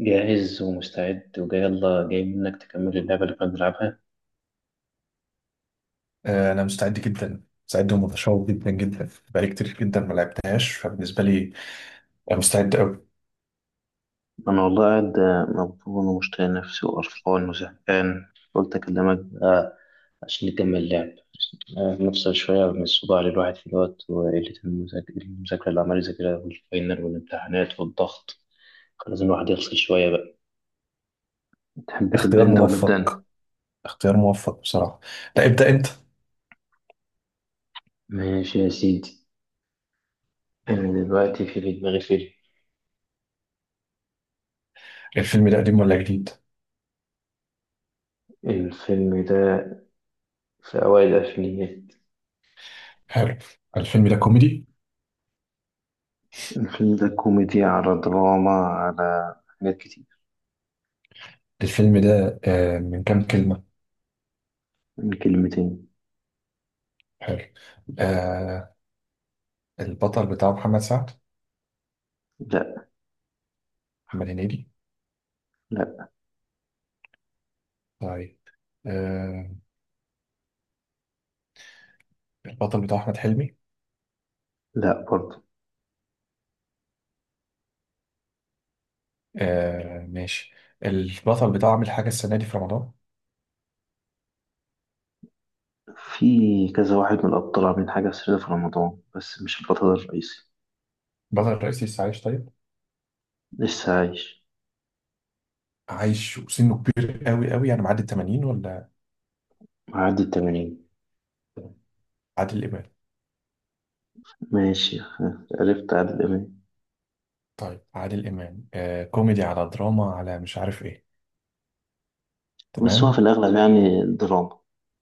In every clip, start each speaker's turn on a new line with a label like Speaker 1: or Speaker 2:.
Speaker 1: جاهز ومستعد وجاي، يلا جاي منك تكمل اللعبة اللي كنا بنلعبها.
Speaker 2: انا مستعد جدا. مستعد ومتشوق جدا جدا. بقالي كتير جدا ما لعبتهاش فبالنسبه لي أنا مستعد قوي.
Speaker 1: انا والله قاعد مبطون ومشتاق نفسي وقرفان وزهقان. قلت اكلمك عشان نكمل اللعب. نفصل شوية من الصداع اللي الواحد فيه دوت وقلة المذاكرة اللي عمال يذاكرها والفاينل والامتحانات والضغط. كان لازم الواحد يفصل شوية بقى. تحب تبدا
Speaker 2: اختيار
Speaker 1: انت ولا ابدا انا؟
Speaker 2: موفق. اختيار موفق بصراحه. لا، ابدا انت.
Speaker 1: ماشي يا سيدي. أنا دلوقتي في دماغي فيلم.
Speaker 2: الفيلم ده قديم ولا جديد؟
Speaker 1: الفيلم ده في أوائل الألفينيات.
Speaker 2: حلو. الفيلم ده كوميدي؟
Speaker 1: الفيلم ده كوميديا على دراما على حاجات كتير.
Speaker 2: الفيلم ده من كام كلمه؟
Speaker 1: من كلمتين.
Speaker 2: حلو. آه، البطل بتاعه محمد سعد؟
Speaker 1: لا.
Speaker 2: محمد هنيدي؟
Speaker 1: لا.
Speaker 2: طيب. آه، البطل بتاعه احمد حلمي؟
Speaker 1: لا برضه.
Speaker 2: آه، ماشي. البطل بتاعه عامل حاجه السنه دي في رمضان؟
Speaker 1: في كذا واحد من الأبطال عاملين حاجة سرية في رمضان، بس مش البطل الرئيسي.
Speaker 2: البطل الرئيسي لسه عايش؟ طيب.
Speaker 1: لسه عايش.
Speaker 2: عايش وسنه كبير قوي قوي، يعني معدي ال 80 ولا؟
Speaker 1: معدي الـ80.
Speaker 2: عادل امام.
Speaker 1: ماشي. عرفت عادل إمام.
Speaker 2: طيب عادل امام كوميدي على دراما على مش عارف ايه.
Speaker 1: بس هو في
Speaker 2: تمام.
Speaker 1: الأغلب يعني دراما،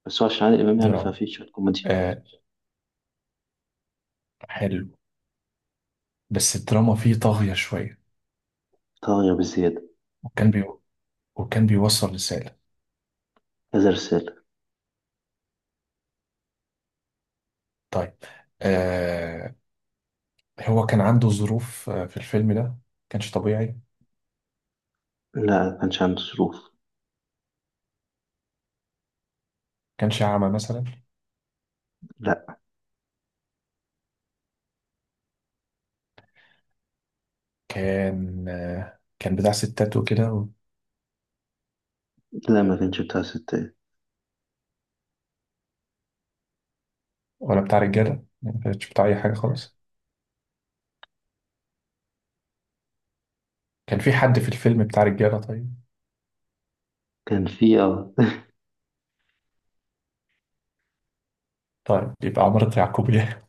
Speaker 1: بس هو عشان عادل إمام يعني
Speaker 2: دراما.
Speaker 1: ففي شوية كوميديا.
Speaker 2: آه. حلو. بس الدراما فيه طاغية شوية.
Speaker 1: طاغية بزيادة.
Speaker 2: وكان بي وكان بيوصل رسالة.
Speaker 1: كذا رسالة.
Speaker 2: طيب. آه. هو كان عنده ظروف في الفيلم ده؟ كانش طبيعي؟
Speaker 1: لا، ما كانش عنده ظروف.
Speaker 2: كانش أعمى مثلا؟
Speaker 1: لا.
Speaker 2: كان بتاع ستات وكده
Speaker 1: لا، ما كانش بتاع ستات.
Speaker 2: ولا بتاع رجالة؟ ما كانش بتاع أي حاجة خالص. كان في حد في الفيلم بتاع رجالة؟ طيب.
Speaker 1: كان في
Speaker 2: طيب يبقى عمارة يعقوبيان.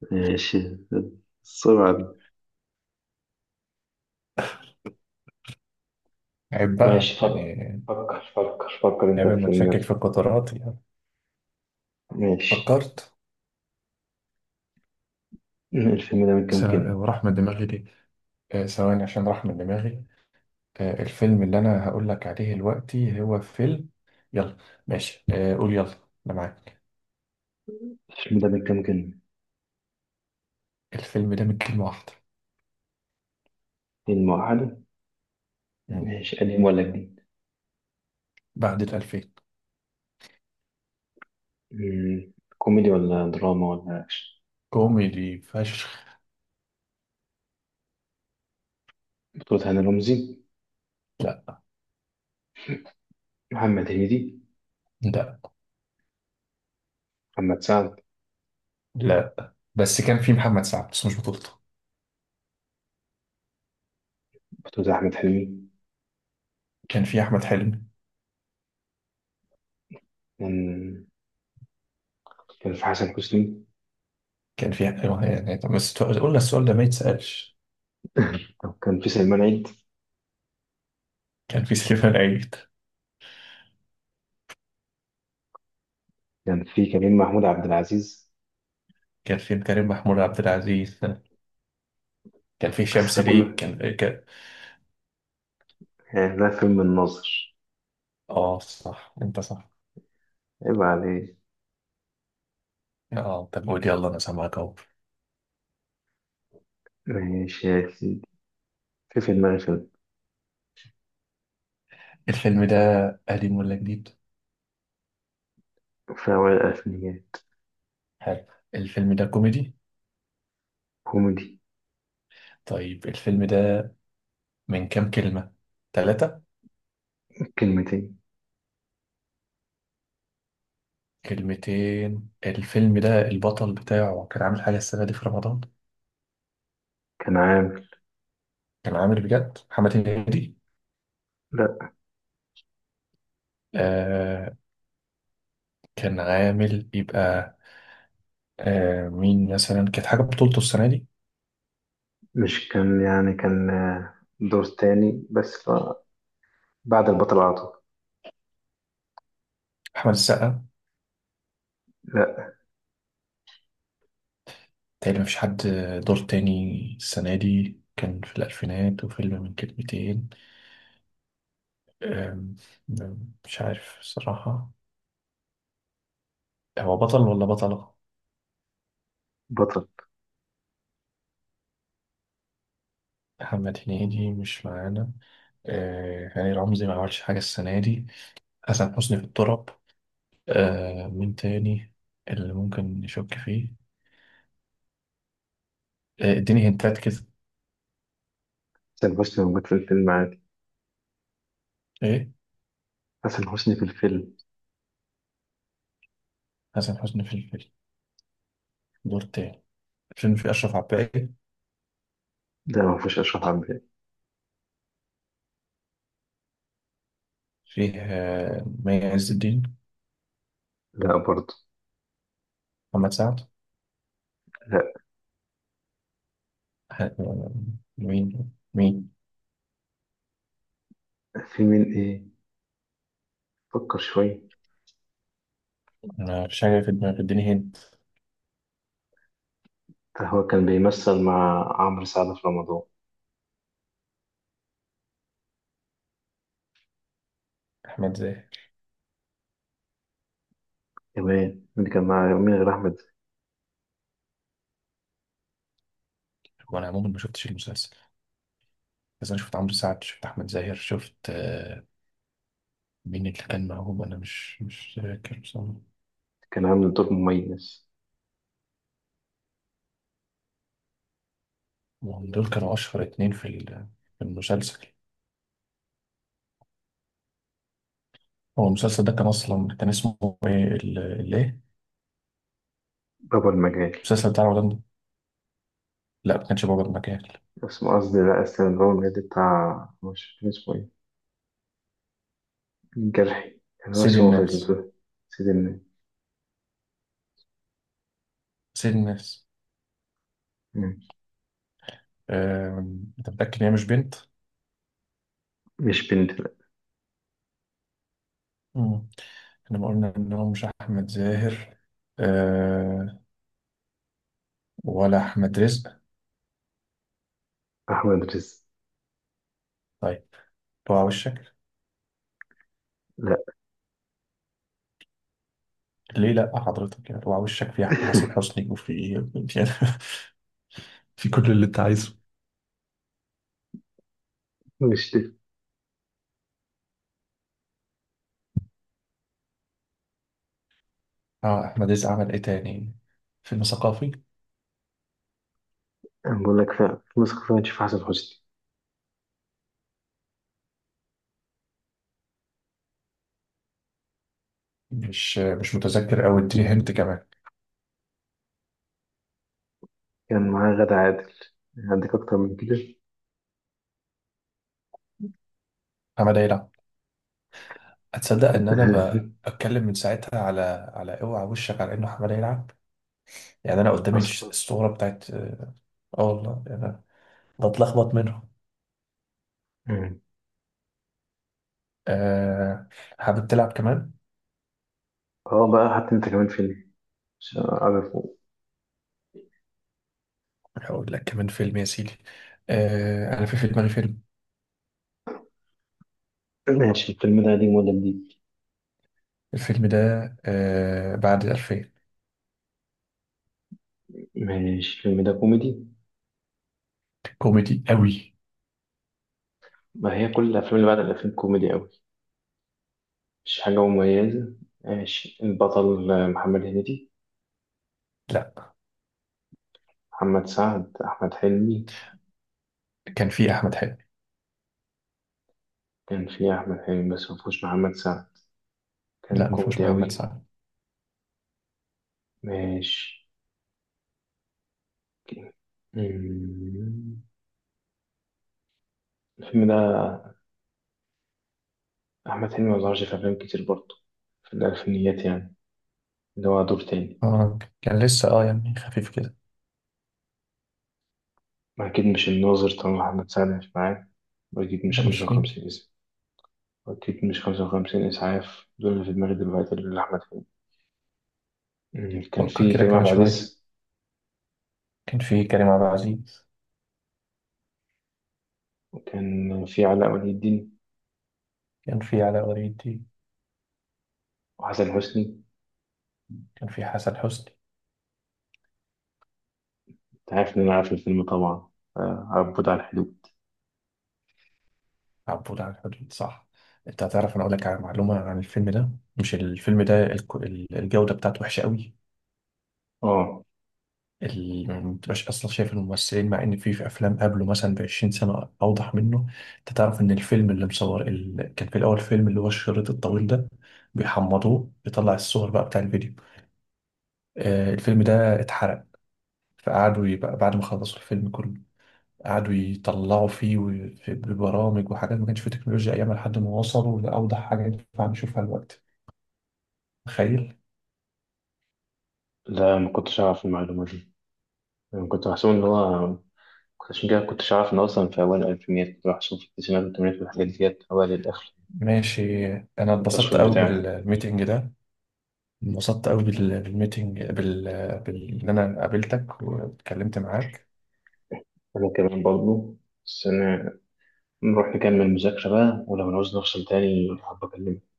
Speaker 1: ماشي. السرعة.
Speaker 2: عيب بقى
Speaker 1: ماشي فكر.
Speaker 2: يعني.
Speaker 1: فكر فكر فكر انت
Speaker 2: عيب
Speaker 1: في الفيلم،
Speaker 2: متشكك في
Speaker 1: يلا.
Speaker 2: القطارات يعني.
Speaker 1: ماشي،
Speaker 2: فكرت.
Speaker 1: الفيلم ده من
Speaker 2: س...
Speaker 1: كام كلمة؟
Speaker 2: وراح من دماغي ليه؟ ثواني عشان راح من دماغي. الفيلم اللي انا هقول لك عليه دلوقتي هو فيلم. يلا. ماشي، قول يلا، انا معاك.
Speaker 1: الفيلم ده من كام كلمة؟
Speaker 2: الفيلم ده من كلمة واحدة؟
Speaker 1: كلمة واحدة.
Speaker 2: مم.
Speaker 1: ماشي، قديم ولا جديد؟
Speaker 2: بعد 2000.
Speaker 1: كوميدي ولا دراما ولا أكشن؟
Speaker 2: كوميدي فشخ.
Speaker 1: بطولة هاني رمزي؟
Speaker 2: لا.
Speaker 1: محمد هنيدي؟
Speaker 2: لا.
Speaker 1: محمد سعد؟
Speaker 2: لا، بس كان في محمد سعد بس مش بطولته.
Speaker 1: بطولة أحمد حلمي؟
Speaker 2: كان في أحمد حلمي.
Speaker 1: كان. كان في حسن حسني.
Speaker 2: كان في أيوة، يعني طب بس قلنا السؤال ده ما يتسألش.
Speaker 1: أو كان في سلمان عيد.
Speaker 2: كان في سليمان عيد.
Speaker 1: كان في كريم محمود عبد العزيز.
Speaker 2: كان في كريم محمود عبد العزيز. كان في
Speaker 1: بس
Speaker 2: شمس،
Speaker 1: ده
Speaker 2: ليه
Speaker 1: كله
Speaker 2: كان إيه.
Speaker 1: يعني ده فيلم الناظر.
Speaker 2: اه صح انت صح.
Speaker 1: عيب عليه.
Speaker 2: اه طب قول يلا، انا سامعك اهو.
Speaker 1: ماشي يا سيدي، في دماغي فيلم.
Speaker 2: الفيلم ده قديم ولا جديد؟
Speaker 1: في أوائل الألفينيات.
Speaker 2: حلو. الفيلم ده كوميدي؟
Speaker 1: كوميدي.
Speaker 2: طيب الفيلم ده من كام كلمة؟ ثلاثة؟
Speaker 1: كلمتين.
Speaker 2: كلمتين. الفيلم ده البطل بتاعه كان عامل حاجة السنة دي في رمضان؟
Speaker 1: كان عامل.
Speaker 2: كان عامل بجد؟ محمد هنيدي؟
Speaker 1: لا،
Speaker 2: آه. كان عامل يبقى مين مثلا كانت حاجة بطولته السنة دي؟
Speaker 1: مش كان يعني كان دور تاني بس بعد البطل على طول.
Speaker 2: أحمد السقا؟
Speaker 1: لا.
Speaker 2: تقريبا مفيش حد. دور تاني. السنة دي كان في الألفينات وفيلم من كلمتين. أم، أم، مش عارف الصراحة. هو بطل ولا بطلة؟
Speaker 1: بطل.
Speaker 2: محمد هنيدي مش معانا. هاني رمزي ما عملش حاجة السنة دي. حسن حسني في التراب. مين تاني اللي ممكن نشك فيه؟ اديني هنتات كده.
Speaker 1: حسن حسني موجود في الفيلم عادي.
Speaker 2: ايه؟
Speaker 1: حسن حسني في الفيلم.
Speaker 2: حسن حسني في الفيلم؟ دور تاني. الفيلم فيه أشرف عباقي؟
Speaker 1: ده ما فيهوش أشرف عبد الباقي.
Speaker 2: فيه مي عز الدين؟
Speaker 1: لا برضه.
Speaker 2: محمد سعد؟
Speaker 1: لا.
Speaker 2: ه- آه، مين، مين؟
Speaker 1: في مين إيه؟ فكر شوية.
Speaker 2: انا مفيش حاجه في دماغي، اديني هنت.
Speaker 1: ده هو كان بيمثل مع عمرو سعد في رمضان.
Speaker 2: احمد زاهر.
Speaker 1: كمان اللي كان مع مين غير أحمد؟
Speaker 2: وانا عموما ما شفتش المسلسل، بس انا شفت عمرو سعد، شفت احمد زاهر، شفت مين اللي كان معاهم انا، مش فاكر بصراحه.
Speaker 1: كان عامل دور مميز.
Speaker 2: وهم دول كانوا اشهر اتنين في في المسلسل. هو المسلسل ده كان اصلا كان اسمه ايه، ايه؟
Speaker 1: بابا المجال.
Speaker 2: المسلسل بتاع رمضان ده؟ لا ما كانش بابا المكان.
Speaker 1: اسمه قصدي، لا، اسمه بابا المجال بتاع، مش فاكر اسمه إيه. جرحي. أنا ما
Speaker 2: سيد
Speaker 1: أشوفه في
Speaker 2: الناس.
Speaker 1: المثل. سيدنا.
Speaker 2: سيد الناس.
Speaker 1: مم.
Speaker 2: انت متاكد ان هي مش بنت؟
Speaker 1: مش بنت، لا.
Speaker 2: مم. احنا ما قلنا ان هو مش احمد زاهر؟ آه. ولا احمد رزق؟
Speaker 1: أحمد رزق.
Speaker 2: طيب. بقى وشك.
Speaker 1: لا.
Speaker 2: ليه لا حضرتك؟ يعني وعلى وشك في احمد، حسن حسني، وفي إيه؟ يعني في كل اللي انت عايزه.
Speaker 1: مش دي.
Speaker 2: اه، احمد عز عمل ايه تاني؟ فيلم ثقافي.
Speaker 1: أنا بقول لك فعلا، في نسخة فعلا تشوف حسن حسني.
Speaker 2: مش متذكر قوي، اديني هنت كمان.
Speaker 1: كان معاه غادة عادل. عندك أكتر من كده؟
Speaker 2: حماده يلعب. هتصدق ان انا بتكلم من ساعتها على اوعى وشك على انه حماده يلعب. يعني انا قدامي
Speaker 1: أصلا.
Speaker 2: الصوره بتاعت آه والله يعني. أنا بتلخبط منهم.
Speaker 1: مم.
Speaker 2: آه. حابب تلعب كمان؟
Speaker 1: أه بقى، حتى أنت كمان فيلم عشان أعرفه.
Speaker 2: هقول لك كمان فيلم يا سيدي. انا في دماغي فيلم.
Speaker 1: ماشي، الفيلم ده قديم ولا جديد؟
Speaker 2: الفيلم ده بعد 2000.
Speaker 1: ماشي، الفيلم ده كوميدي؟
Speaker 2: كوميدي قوي.
Speaker 1: ما هي كل الأفلام اللي بعد الأفلام كوميدي أوي، مش حاجة مميزة. ماشي، البطل محمد هنيدي؟
Speaker 2: لا.
Speaker 1: محمد سعد، أحمد حلمي؟
Speaker 2: كان في احمد حلمي.
Speaker 1: كان في أحمد حلمي بس مفهوش محمد سعد. كان
Speaker 2: لا، ما فيهوش
Speaker 1: كوميدي
Speaker 2: محمد
Speaker 1: أوي.
Speaker 2: سعد.
Speaker 1: ماشي. مم. الفيلم ده. أحمد حلمي مظهرش في أفلام كتير برضه في الألفينيات يعني، اللي هو دور تاني.
Speaker 2: اه، كان لسه يعني خفيف كده.
Speaker 1: أكيد مش الناظر طالما محمد سعد مش معاه. وأكيد
Speaker 2: لا
Speaker 1: مش
Speaker 2: مش
Speaker 1: خمسة
Speaker 2: فيه.
Speaker 1: وخمسين إسعاف. وأكيد مش 55 إسعاف، دول اللي في دماغي دلوقتي اللي أحمد حلمي. مم. كان
Speaker 2: فكر
Speaker 1: في
Speaker 2: كده
Speaker 1: كريم
Speaker 2: كمان
Speaker 1: عبد
Speaker 2: شويه.
Speaker 1: العزيز.
Speaker 2: كان في كريم عبد العزيز.
Speaker 1: وكان في علاء ولي الدين
Speaker 2: كان في علاء ولي الدين.
Speaker 1: وحسن حسني.
Speaker 2: كان في حسن حسني.
Speaker 1: أنت عارف إن أنا عارف الفيلم طبعا، عبود على الحدود.
Speaker 2: عبود على الحدود صح. انت هتعرف، انا اقول لك على معلومه عن الفيلم ده. مش الفيلم ده، الجوده بتاعته وحشه قوي.
Speaker 1: اه.
Speaker 2: يعني ما بتبقاش اصلا شايف الممثلين، مع ان في افلام قبله مثلا ب 20 سنه اوضح منه. انت تعرف ان الفيلم اللي مصور كان في الاول، فيلم اللي هو الشريط الطويل ده، بيحمضوه بيطلع الصور بقى بتاع الفيديو. الفيلم ده اتحرق. فقعدوا يبقى بعد ما خلصوا الفيلم كله قعدوا يطلعوا فيه ببرامج وحاجات، ما كانش في تكنولوجيا ايامها لحد ما وصلوا لاوضح حاجه ينفع نشوفها دلوقتي. تخيل.
Speaker 1: لا، ما كنتش أعرف المعلومة دي. أنا كنت بحسب إن هو عشان كده كنتش أعرف إن أصلا في أوائل الألفينيات، كنت بحسب في التسعينات والثمانينات والحاجات ديت أوائل الآخر.
Speaker 2: ماشي. انا اتبسطت
Speaker 1: التصوير
Speaker 2: قوي
Speaker 1: بتاعه.
Speaker 2: بالميتنج ده. انبسطت قوي بالميتنج ان انا قابلتك واتكلمت معاك.
Speaker 1: أنا كمان برضه. بس أنا نروح نكمل مذاكرة بقى، ولو نعوز نفصل تاني حابة أكلمك.